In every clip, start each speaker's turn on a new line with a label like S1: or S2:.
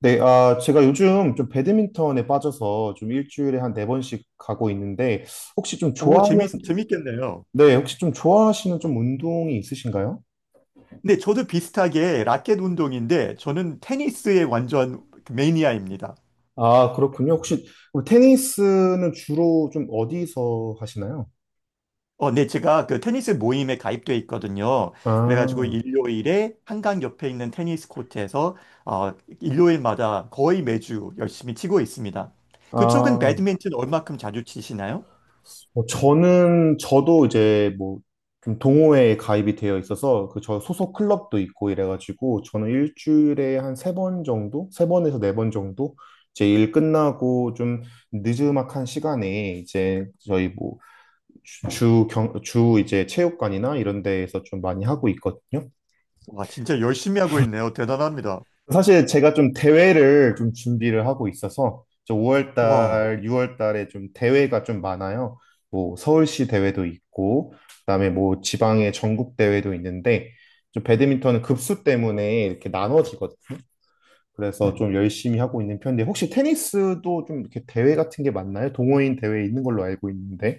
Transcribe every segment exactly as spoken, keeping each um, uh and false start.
S1: 네, 아, 제가 요즘 좀 배드민턴에 빠져서 좀 일주일에 한 네 번씩 가고 있는데, 혹시 좀
S2: 오,
S1: 좋아하는,
S2: 재밌, 재밌겠네요.
S1: 네, 혹시 좀 좋아하시는 좀 운동이 있으신가요?
S2: 근데 저도 비슷하게 라켓 운동인데 저는 테니스의 완전 그 매니아입니다.
S1: 아, 그렇군요. 혹시 그럼 테니스는 주로 좀 어디서 하시나요?
S2: 어, 네, 제가 그 테니스 모임에 가입돼 있거든요. 그래가지고
S1: 아,
S2: 일요일에 한강 옆에 있는 테니스 코트에서 어, 일요일마다 거의 매주 열심히 치고 있습니다. 그쪽은
S1: 아,
S2: 배드민턴 얼마큼 자주 치시나요?
S1: 뭐 저는 저도 이제 뭐 좀 동호회에 가입이 되어 있어서 그 저 소속 클럽도 있고 이래가지고 저는 일주일에 한 세 번 정도, 세 번에서 네 번 정도 제 일 끝나고 좀 느즈막한 시간에 이제 저희 뭐 주 주 경 주 이제 체육관이나 이런 데에서 좀 많이 하고 있거든요.
S2: 와, 진짜 열심히 하고 있네요. 대단합니다.
S1: 사실 제가 좀 대회를 좀 준비를 하고 있어서 저 오월
S2: 와.
S1: 달, 유월 달에 좀 대회가 좀 많아요. 뭐 서울시 대회도 있고 그다음에 뭐 지방의 전국 대회도 있는데 좀 배드민턴은 급수 때문에 이렇게 나눠지거든요. 그래서 네. 좀 열심히 하고 있는 편인데 혹시 테니스도 좀 이렇게 대회 같은 게 많나요? 동호인 대회 있는 걸로 알고 있는데.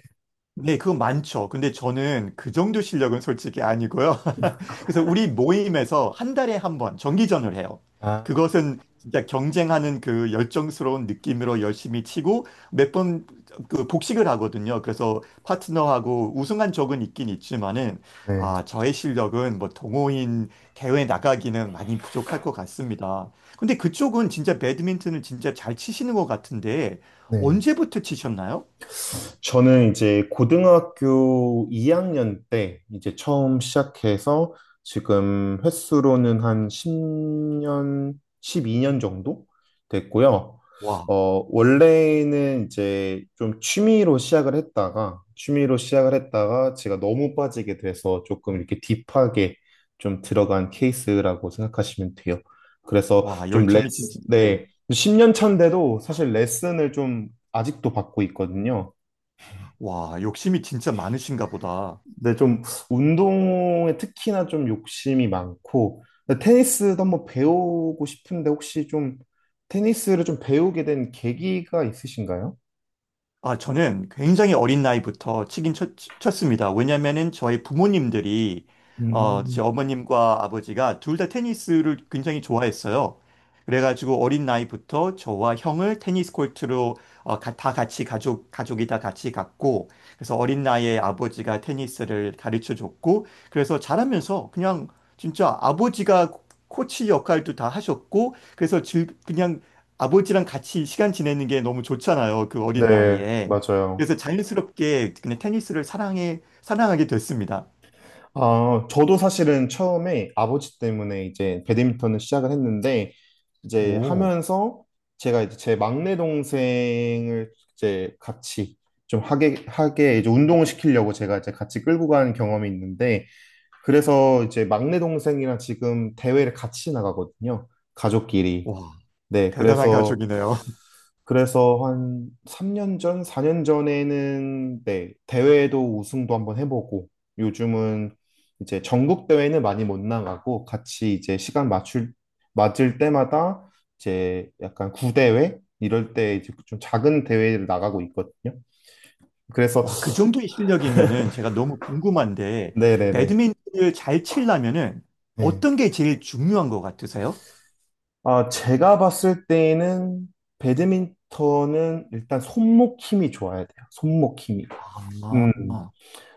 S2: 네, 그건 많죠. 근데 저는 그 정도 실력은 솔직히 아니고요. 그래서 우리 모임에서 한 달에 한 번 정기전을 해요.
S1: 아,
S2: 그것은 진짜 경쟁하는 그 열정스러운 느낌으로 열심히 치고 몇 번 그 복식을 하거든요. 그래서 파트너하고 우승한 적은 있긴 있지만은,
S1: 네.
S2: 아, 저의 실력은 뭐 동호인 대회 나가기는 많이 부족할 것 같습니다. 근데 그쪽은 진짜 배드민턴을 진짜 잘 치시는 것 같은데
S1: 네.
S2: 언제부터 치셨나요?
S1: 저는 이제 고등학교 이 학년 때 이제 처음 시작해서 지금 횟수로는 한 십 년, 십이 년 정도 됐고요. 어, 원래는 이제 좀 취미로 시작을 했다가, 취미로 시작을 했다가 제가 너무 빠지게 돼서 조금 이렇게 딥하게 좀 들어간 케이스라고 생각하시면 돼요. 그래서
S2: 와,
S1: 좀
S2: 열정이 진짜,
S1: 레슨,
S2: 네.
S1: 네. 십 년 차인데도 사실 레슨을 좀 아직도 받고 있거든요.
S2: 와, 욕심이 진짜 많으신가 보다.
S1: 네, 좀 운동에 특히나 좀 욕심이 많고 근데 테니스도 한번 배우고 싶은데 혹시 좀 테니스를 좀 배우게 된 계기가 있으신가요?
S2: 아, 저는 굉장히 어린 나이부터 치긴 쳤, 습니다. 왜냐면은 저희 부모님들이, 어,
S1: 음,
S2: 제 어머님과 아버지가 둘 다 테니스를 굉장히 좋아했어요. 그래가지고 어린 나이부터 저와 형을 테니스 코트로 어, 가- 다 같이 가족, 가족이 다 같이 갔고, 그래서 어린 나이에 아버지가 테니스를 가르쳐 줬고, 그래서 자라면서 그냥 진짜 아버지가 코치 역할도 다 하셨고, 그래서 즐, 그냥 아버지랑 같이 시간 지내는 게 너무 좋잖아요. 그 어린
S1: 네,
S2: 나이에.
S1: 맞아요.
S2: 그래서 자연스럽게 그냥 테니스를 사랑해, 사랑하게 됐습니다.
S1: 아, 저도 사실은 처음에 아버지 때문에 이제 배드민턴을 시작을 했는데, 이제
S2: 오,
S1: 하면서 제가 이제 제 막내 동생을 이제 같이 좀 하게, 하게 이제 운동을 시키려고 제가 이제 같이 끌고 간 경험이 있는데, 그래서 이제 막내 동생이랑 지금 대회를 같이 나가거든요. 가족끼리.
S2: 와,
S1: 네,
S2: 대단한
S1: 그래서,
S2: 가족이네요.
S1: 그래서 한 삼 년 전, 사 년 전에는, 네, 대회도 우승도 한번 해보고, 요즘은 이제 전국 대회는 많이 못 나가고, 같이 이제 시간 맞출, 맞을 때마다 이제 약간 구대회? 이럴 때 이제 좀 작은 대회를 나가고 있거든요. 그래서,
S2: 와, 그 정도의 실력이면은 제가 너무 궁금한데,
S1: 네네네.
S2: 배드민턴을 잘 치려면은
S1: 네.
S2: 어떤 게 제일 중요한 것 같으세요?
S1: 아, 제가 봤을 때는 에 배드민턴은 일단 손목 힘이 좋아야 돼요. 손목 힘이. 음.
S2: 아,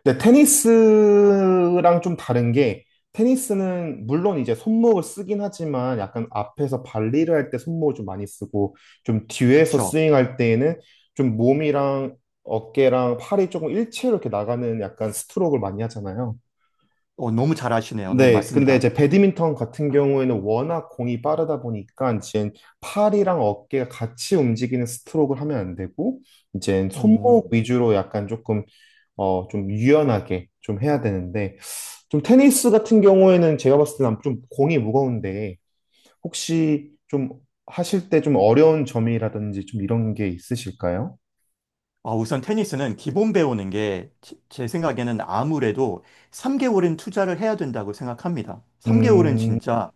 S1: 근데 테니스랑 좀 다른 게 테니스는 물론 이제 손목을 쓰긴 하지만 약간 앞에서 발리를 할 때 손목을 좀 많이 쓰고 좀 뒤에서
S2: 그렇죠.
S1: 스윙할 때에는 좀 몸이랑 어깨랑 팔이 조금 일체로 이렇게 나가는 약간 스트로크를 많이 하잖아요.
S2: 어, 너무 잘하시네요. 네,
S1: 네, 근데
S2: 맞습니다.
S1: 이제 배드민턴 같은 경우에는 워낙 공이 빠르다 보니까 이제 팔이랑 어깨가 같이 움직이는 스트로크를 하면 안 되고 이제 손목
S2: 오.
S1: 위주로 약간 조금 어 좀 유연하게 좀 해야 되는데 좀 테니스 같은 경우에는 제가 봤을 때는 좀 공이 무거운데 혹시 좀 하실 때 좀 어려운 점이라든지 좀 이런 게 있으실까요?
S2: 아, 우선 테니스는 기본 배우는 게 제 생각에는 아무래도 삼 개월은 투자를 해야 된다고 생각합니다. 삼 개월은
S1: 음,
S2: 진짜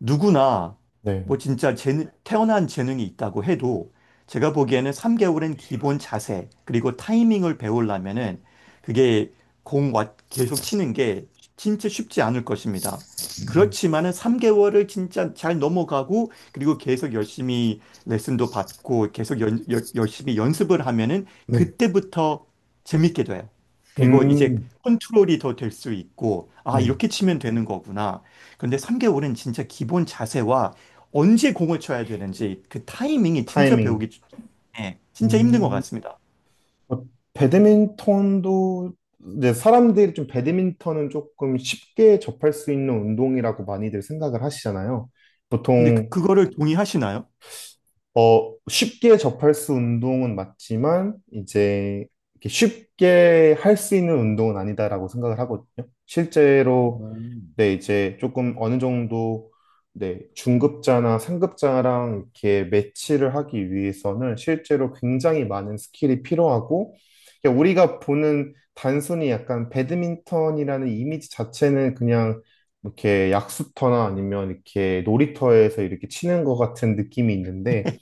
S2: 누구나
S1: 네.
S2: 뭐 진짜 재능, 태어난 재능이 있다고 해도 제가 보기에는 삼 개월은 기본 자세 그리고 타이밍을 배우려면은 그게 공 와- 계속 치는 게 진짜 쉽지 않을 것입니다.
S1: 음,
S2: 그렇지만은 삼 개월을 진짜 잘 넘어가고 그리고 계속 열심히 레슨도 받고 계속 연- 열- 열심히 연습을 하면은
S1: 네.
S2: 그때부터 재밌게 돼요. 그리고 이제
S1: 음,
S2: 컨트롤이 더 될 수 있고, 아,
S1: 네.
S2: 이렇게 치면 되는 거구나. 그런데 삼 개월은 진짜 기본 자세와 언제 공을 쳐야 되는지 그 타이밍이 진짜
S1: 타이밍.
S2: 배우기, 네, 진짜 힘든 것
S1: 음.
S2: 같습니다.
S1: 어, 배드민턴도 이제 사람들이 좀 배드민턴은 조금 쉽게 접할 수 있는 운동이라고 많이들 생각을 하시잖아요.
S2: 근데 그,
S1: 보통
S2: 그거를 동의하시나요?
S1: 어 쉽게 접할 수 운동은 맞지만 이제 이렇게 쉽게 할 수 있는 운동은 아니다라고 생각을 하거든요. 실제로
S2: 음.
S1: 네, 이제 조금 어느 정도 네, 중급자나 상급자랑 이렇게 매치를 하기 위해서는 실제로 굉장히 많은 스킬이 필요하고 그냥 우리가 보는 단순히 약간 배드민턴이라는 이미지 자체는 그냥 이렇게 약수터나 아니면 이렇게 놀이터에서 이렇게 치는 것 같은 느낌이 있는데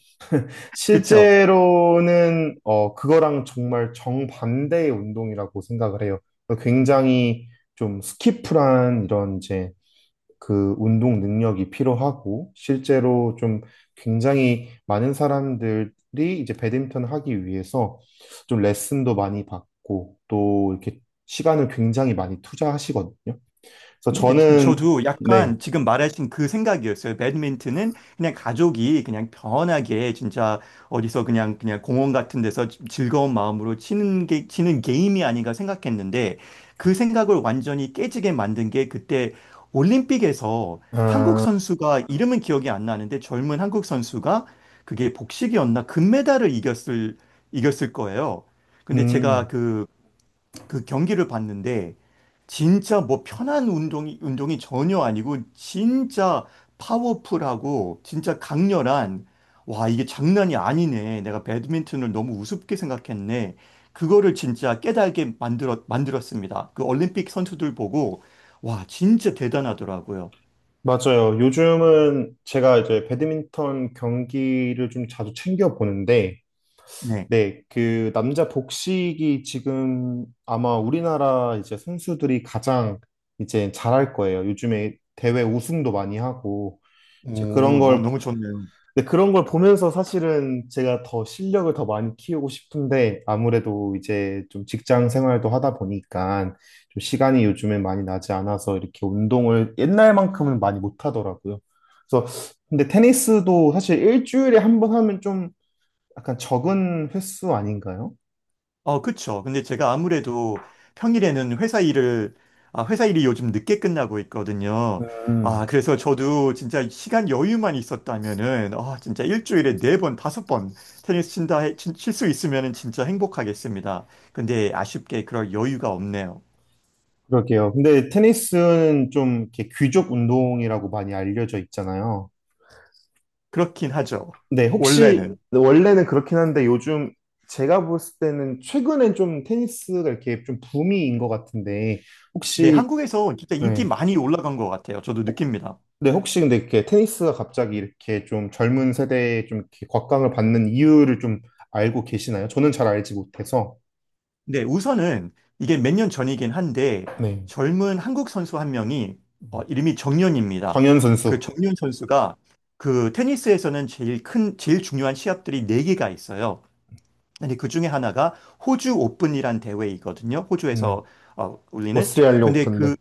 S2: 그쵸?
S1: 실제로는 어, 그거랑 정말 정반대의 운동이라고 생각을 해요. 굉장히 좀 스키프란 이런 이제 그 운동 능력이 필요하고 실제로 좀 굉장히 많은 사람들이 이제 배드민턴 하기 위해서 좀 레슨도 많이 받고 또 이렇게 시간을 굉장히 많이 투자하시거든요. 그래서
S2: 네, 저-
S1: 저는
S2: 저도
S1: 네,
S2: 약간 지금 말하신 그 생각이었어요. 배드민턴은 그냥 가족이 그냥 편하게 진짜 어디서 그냥 그냥 공원 같은 데서 지- 즐거운 마음으로 치는 게 치는 게임이 아닌가 생각했는데 그 생각을 완전히 깨지게 만든 게 그때 올림픽에서 한국
S1: 아,
S2: 선수가 이름은 기억이 안 나는데 젊은 한국 선수가 그게 복식이었나 금메달을 이겼을 이겼을 거예요. 근데 제가
S1: 음,
S2: 그 그 경기를 봤는데 진짜 뭐 편한 운동이 운동이 전혀 아니고 진짜 파워풀하고 진짜 강렬한, 와, 이게 장난이 아니네. 내가 배드민턴을 너무 우습게 생각했네. 그거를 진짜 깨달게 만들었 만들었습니다. 그 올림픽 선수들 보고, 와, 진짜 대단하더라고요.
S1: 맞아요. 요즘은 제가 이제 배드민턴 경기를 좀 자주 챙겨 보는데
S2: 네.
S1: 네, 그 남자 복식이 지금 아마 우리나라 이제 선수들이 가장 이제 잘할 거예요. 요즘에 대회 우승도 많이 하고 이제 그런
S2: 오, 너무
S1: 걸
S2: 너무 좋네요.
S1: 근데 그런 걸 보면서 사실은 제가 더 실력을 더 많이 키우고 싶은데 아무래도 이제 좀 직장 생활도 하다 보니까 좀 시간이 요즘에 많이 나지 않아서 이렇게 운동을 옛날만큼은 많이 못 하더라고요. 그래서 근데 테니스도 사실 일주일에 한 번 하면 좀 약간 적은 횟수 아닌가요?
S2: 어, 그쵸. 근데 제가 아무래도 평일에는 회사 일을, 아, 회사 일이 요즘 늦게 끝나고 있거든요.
S1: 음,
S2: 아, 그래서 저도 진짜 시간 여유만 있었다면은, 아, 진짜 일주일에 네 번, 다섯 번 테니스 친다, 칠 수 있으면은 진짜 행복하겠습니다. 근데 아쉽게 그럴 여유가 없네요.
S1: 그럴게요. 근데 테니스는 좀 이렇게 귀족 운동이라고 많이 알려져 있잖아요.
S2: 그렇긴 하죠.
S1: 근데 혹시
S2: 원래는.
S1: 원래는 그렇긴 한데 요즘 제가 볼 때는 최근엔 좀 테니스가 이렇게 좀 붐인 것 같은데
S2: 네,
S1: 혹시
S2: 한국에서 진짜 인기
S1: 네,
S2: 많이 올라간 것 같아요. 저도
S1: 혹-
S2: 느낍니다.
S1: 네, 혹시 근데 이렇게 테니스가 갑자기 이렇게 좀 젊은 세대에 좀 이렇게 곽강을 받는 이유를 좀 알고 계시나요? 저는 잘 알지 못해서
S2: 네, 우선은 이게 몇 년 전이긴 한데
S1: 네,
S2: 젊은 한국 선수 한 명이, 어, 이름이 정연입니다.
S1: 정현
S2: 그
S1: 선수,
S2: 정연 선수가 그 테니스에서는 제일 큰, 제일 중요한 시합들이 네개가 있어요. 근데 그 중에 하나가 호주 오픈이란 대회이거든요.
S1: 네,
S2: 호주에서 어, 올리는.
S1: 오스트리아
S2: 근데
S1: 오픈데
S2: 그,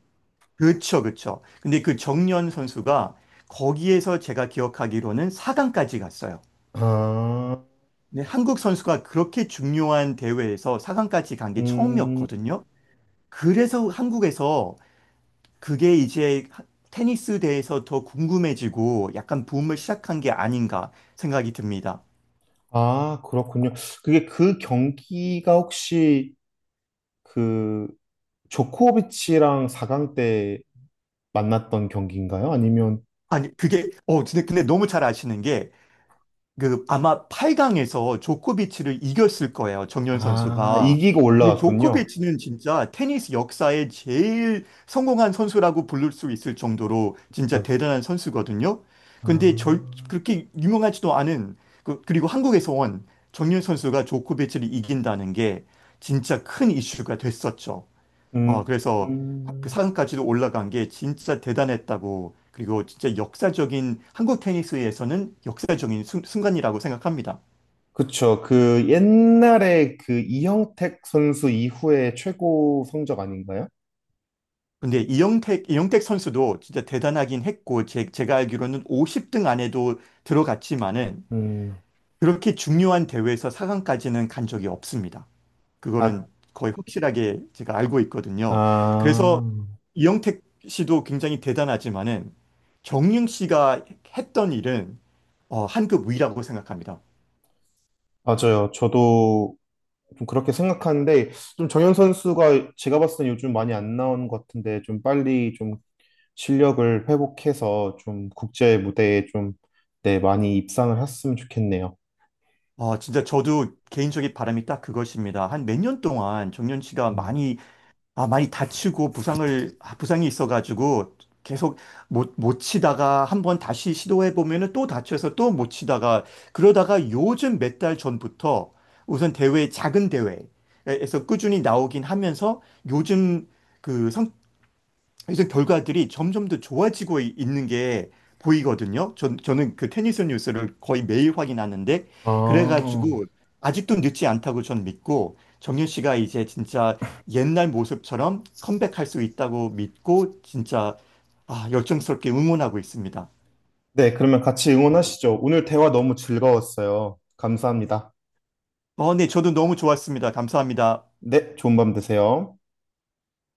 S2: 그쵸, 그쵸. 근데 그 정연 선수가 거기에서 제가 기억하기로는 사 강까지 갔어요.
S1: 아,
S2: 네, 한국 선수가 그렇게 중요한 대회에서 사 강까지 간 게
S1: 음.
S2: 처음이었거든요. 그래서 한국에서 그게 이제 테니스 대해서 더 궁금해지고 약간 붐을 시작한 게 아닌가 생각이 듭니다.
S1: 아, 그렇군요. 그게 그 경기가 혹시 그 조코비치랑 사 강 때 만났던 경기인가요? 아니면
S2: 아니, 그게, 어, 근데, 근데 너무 잘 아시는 게 그 아마 팔 강에서 조코비치를 이겼을 거예요. 정연
S1: 아,
S2: 선수가.
S1: 이기고
S2: 근데
S1: 올라갔군요.
S2: 조코비치는 진짜 테니스 역사에 제일 성공한 선수라고 부를 수 있을 정도로 진짜
S1: 맞-
S2: 대단한 선수거든요. 근데 절
S1: 아,
S2: 그렇게 유명하지도 않은 그, 그리고 한국에서 온 정연 선수가 조코비치를 이긴다는 게 진짜 큰 이슈가 됐었죠. 어,
S1: 음,
S2: 그래서 그
S1: 음.
S2: 강까지도 올라간 게 진짜 대단했다고, 그리고 진짜 역사적인, 한국 테니스에서는 역사적인 순, 순간이라고 생각합니다.
S1: 그쵸. 그 옛날에 그 이형택 선수 이후에 최고 성적 아닌가요?
S2: 근데 이영택, 이영택 선수도 진짜 대단하긴 했고, 제, 제가 알기로는 오십 등 안에도 들어갔지만은,
S1: 음,
S2: 그렇게 중요한 대회에서 사 강까지는 간 적이 없습니다.
S1: 아,
S2: 그거는 거의 확실하게 제가 알고 있거든요.
S1: 아,
S2: 그래서 이영택 씨도 굉장히 대단하지만은 정윤 씨가 했던 일은, 어, 한 급 위라고 생각합니다.
S1: 맞아요. 저도 좀 그렇게 생각하는데 좀 정현 선수가 제가 봤을 때 요즘 많이 안 나온 것 같은데 좀 빨리 좀 실력을 회복해서 좀 국제 무대에 좀 네, 많이 입상을 했으면 좋겠네요.
S2: 어, 진짜 저도 개인적인 바람이 딱 그것입니다. 한 몇 년 동안 정윤 씨가
S1: 음.
S2: 많이, 아, 많이 다치고 부상을, 아, 부상이 있어가지고 계속 못, 못 치다가 한번 다시 시도해보면은 또 다쳐서 또 못 치다가, 그러다가 요즘 몇 달 전부터 우선 대회, 작은 대회에서 꾸준히 나오긴 하면서 요즘 그 성, 이래 결과들이 점점 더 좋아지고 이- 있는 게 보이거든요. 전, 저는 그 테니스 뉴스를 거의 매일 확인하는데,
S1: 아,
S2: 그래가지고 아직도 늦지 않다고 전 믿고, 정윤 씨가 이제 진짜 옛날 모습처럼 컴백할 수 있다고 믿고, 진짜, 아, 열정스럽게 응원하고 있습니다.
S1: 네, 그러면 같이 응원하시죠. 오늘 대화 너무 즐거웠어요. 감사합니다.
S2: 어, 네, 저도 너무 좋았습니다. 감사합니다.
S1: 네, 좋은 밤 되세요.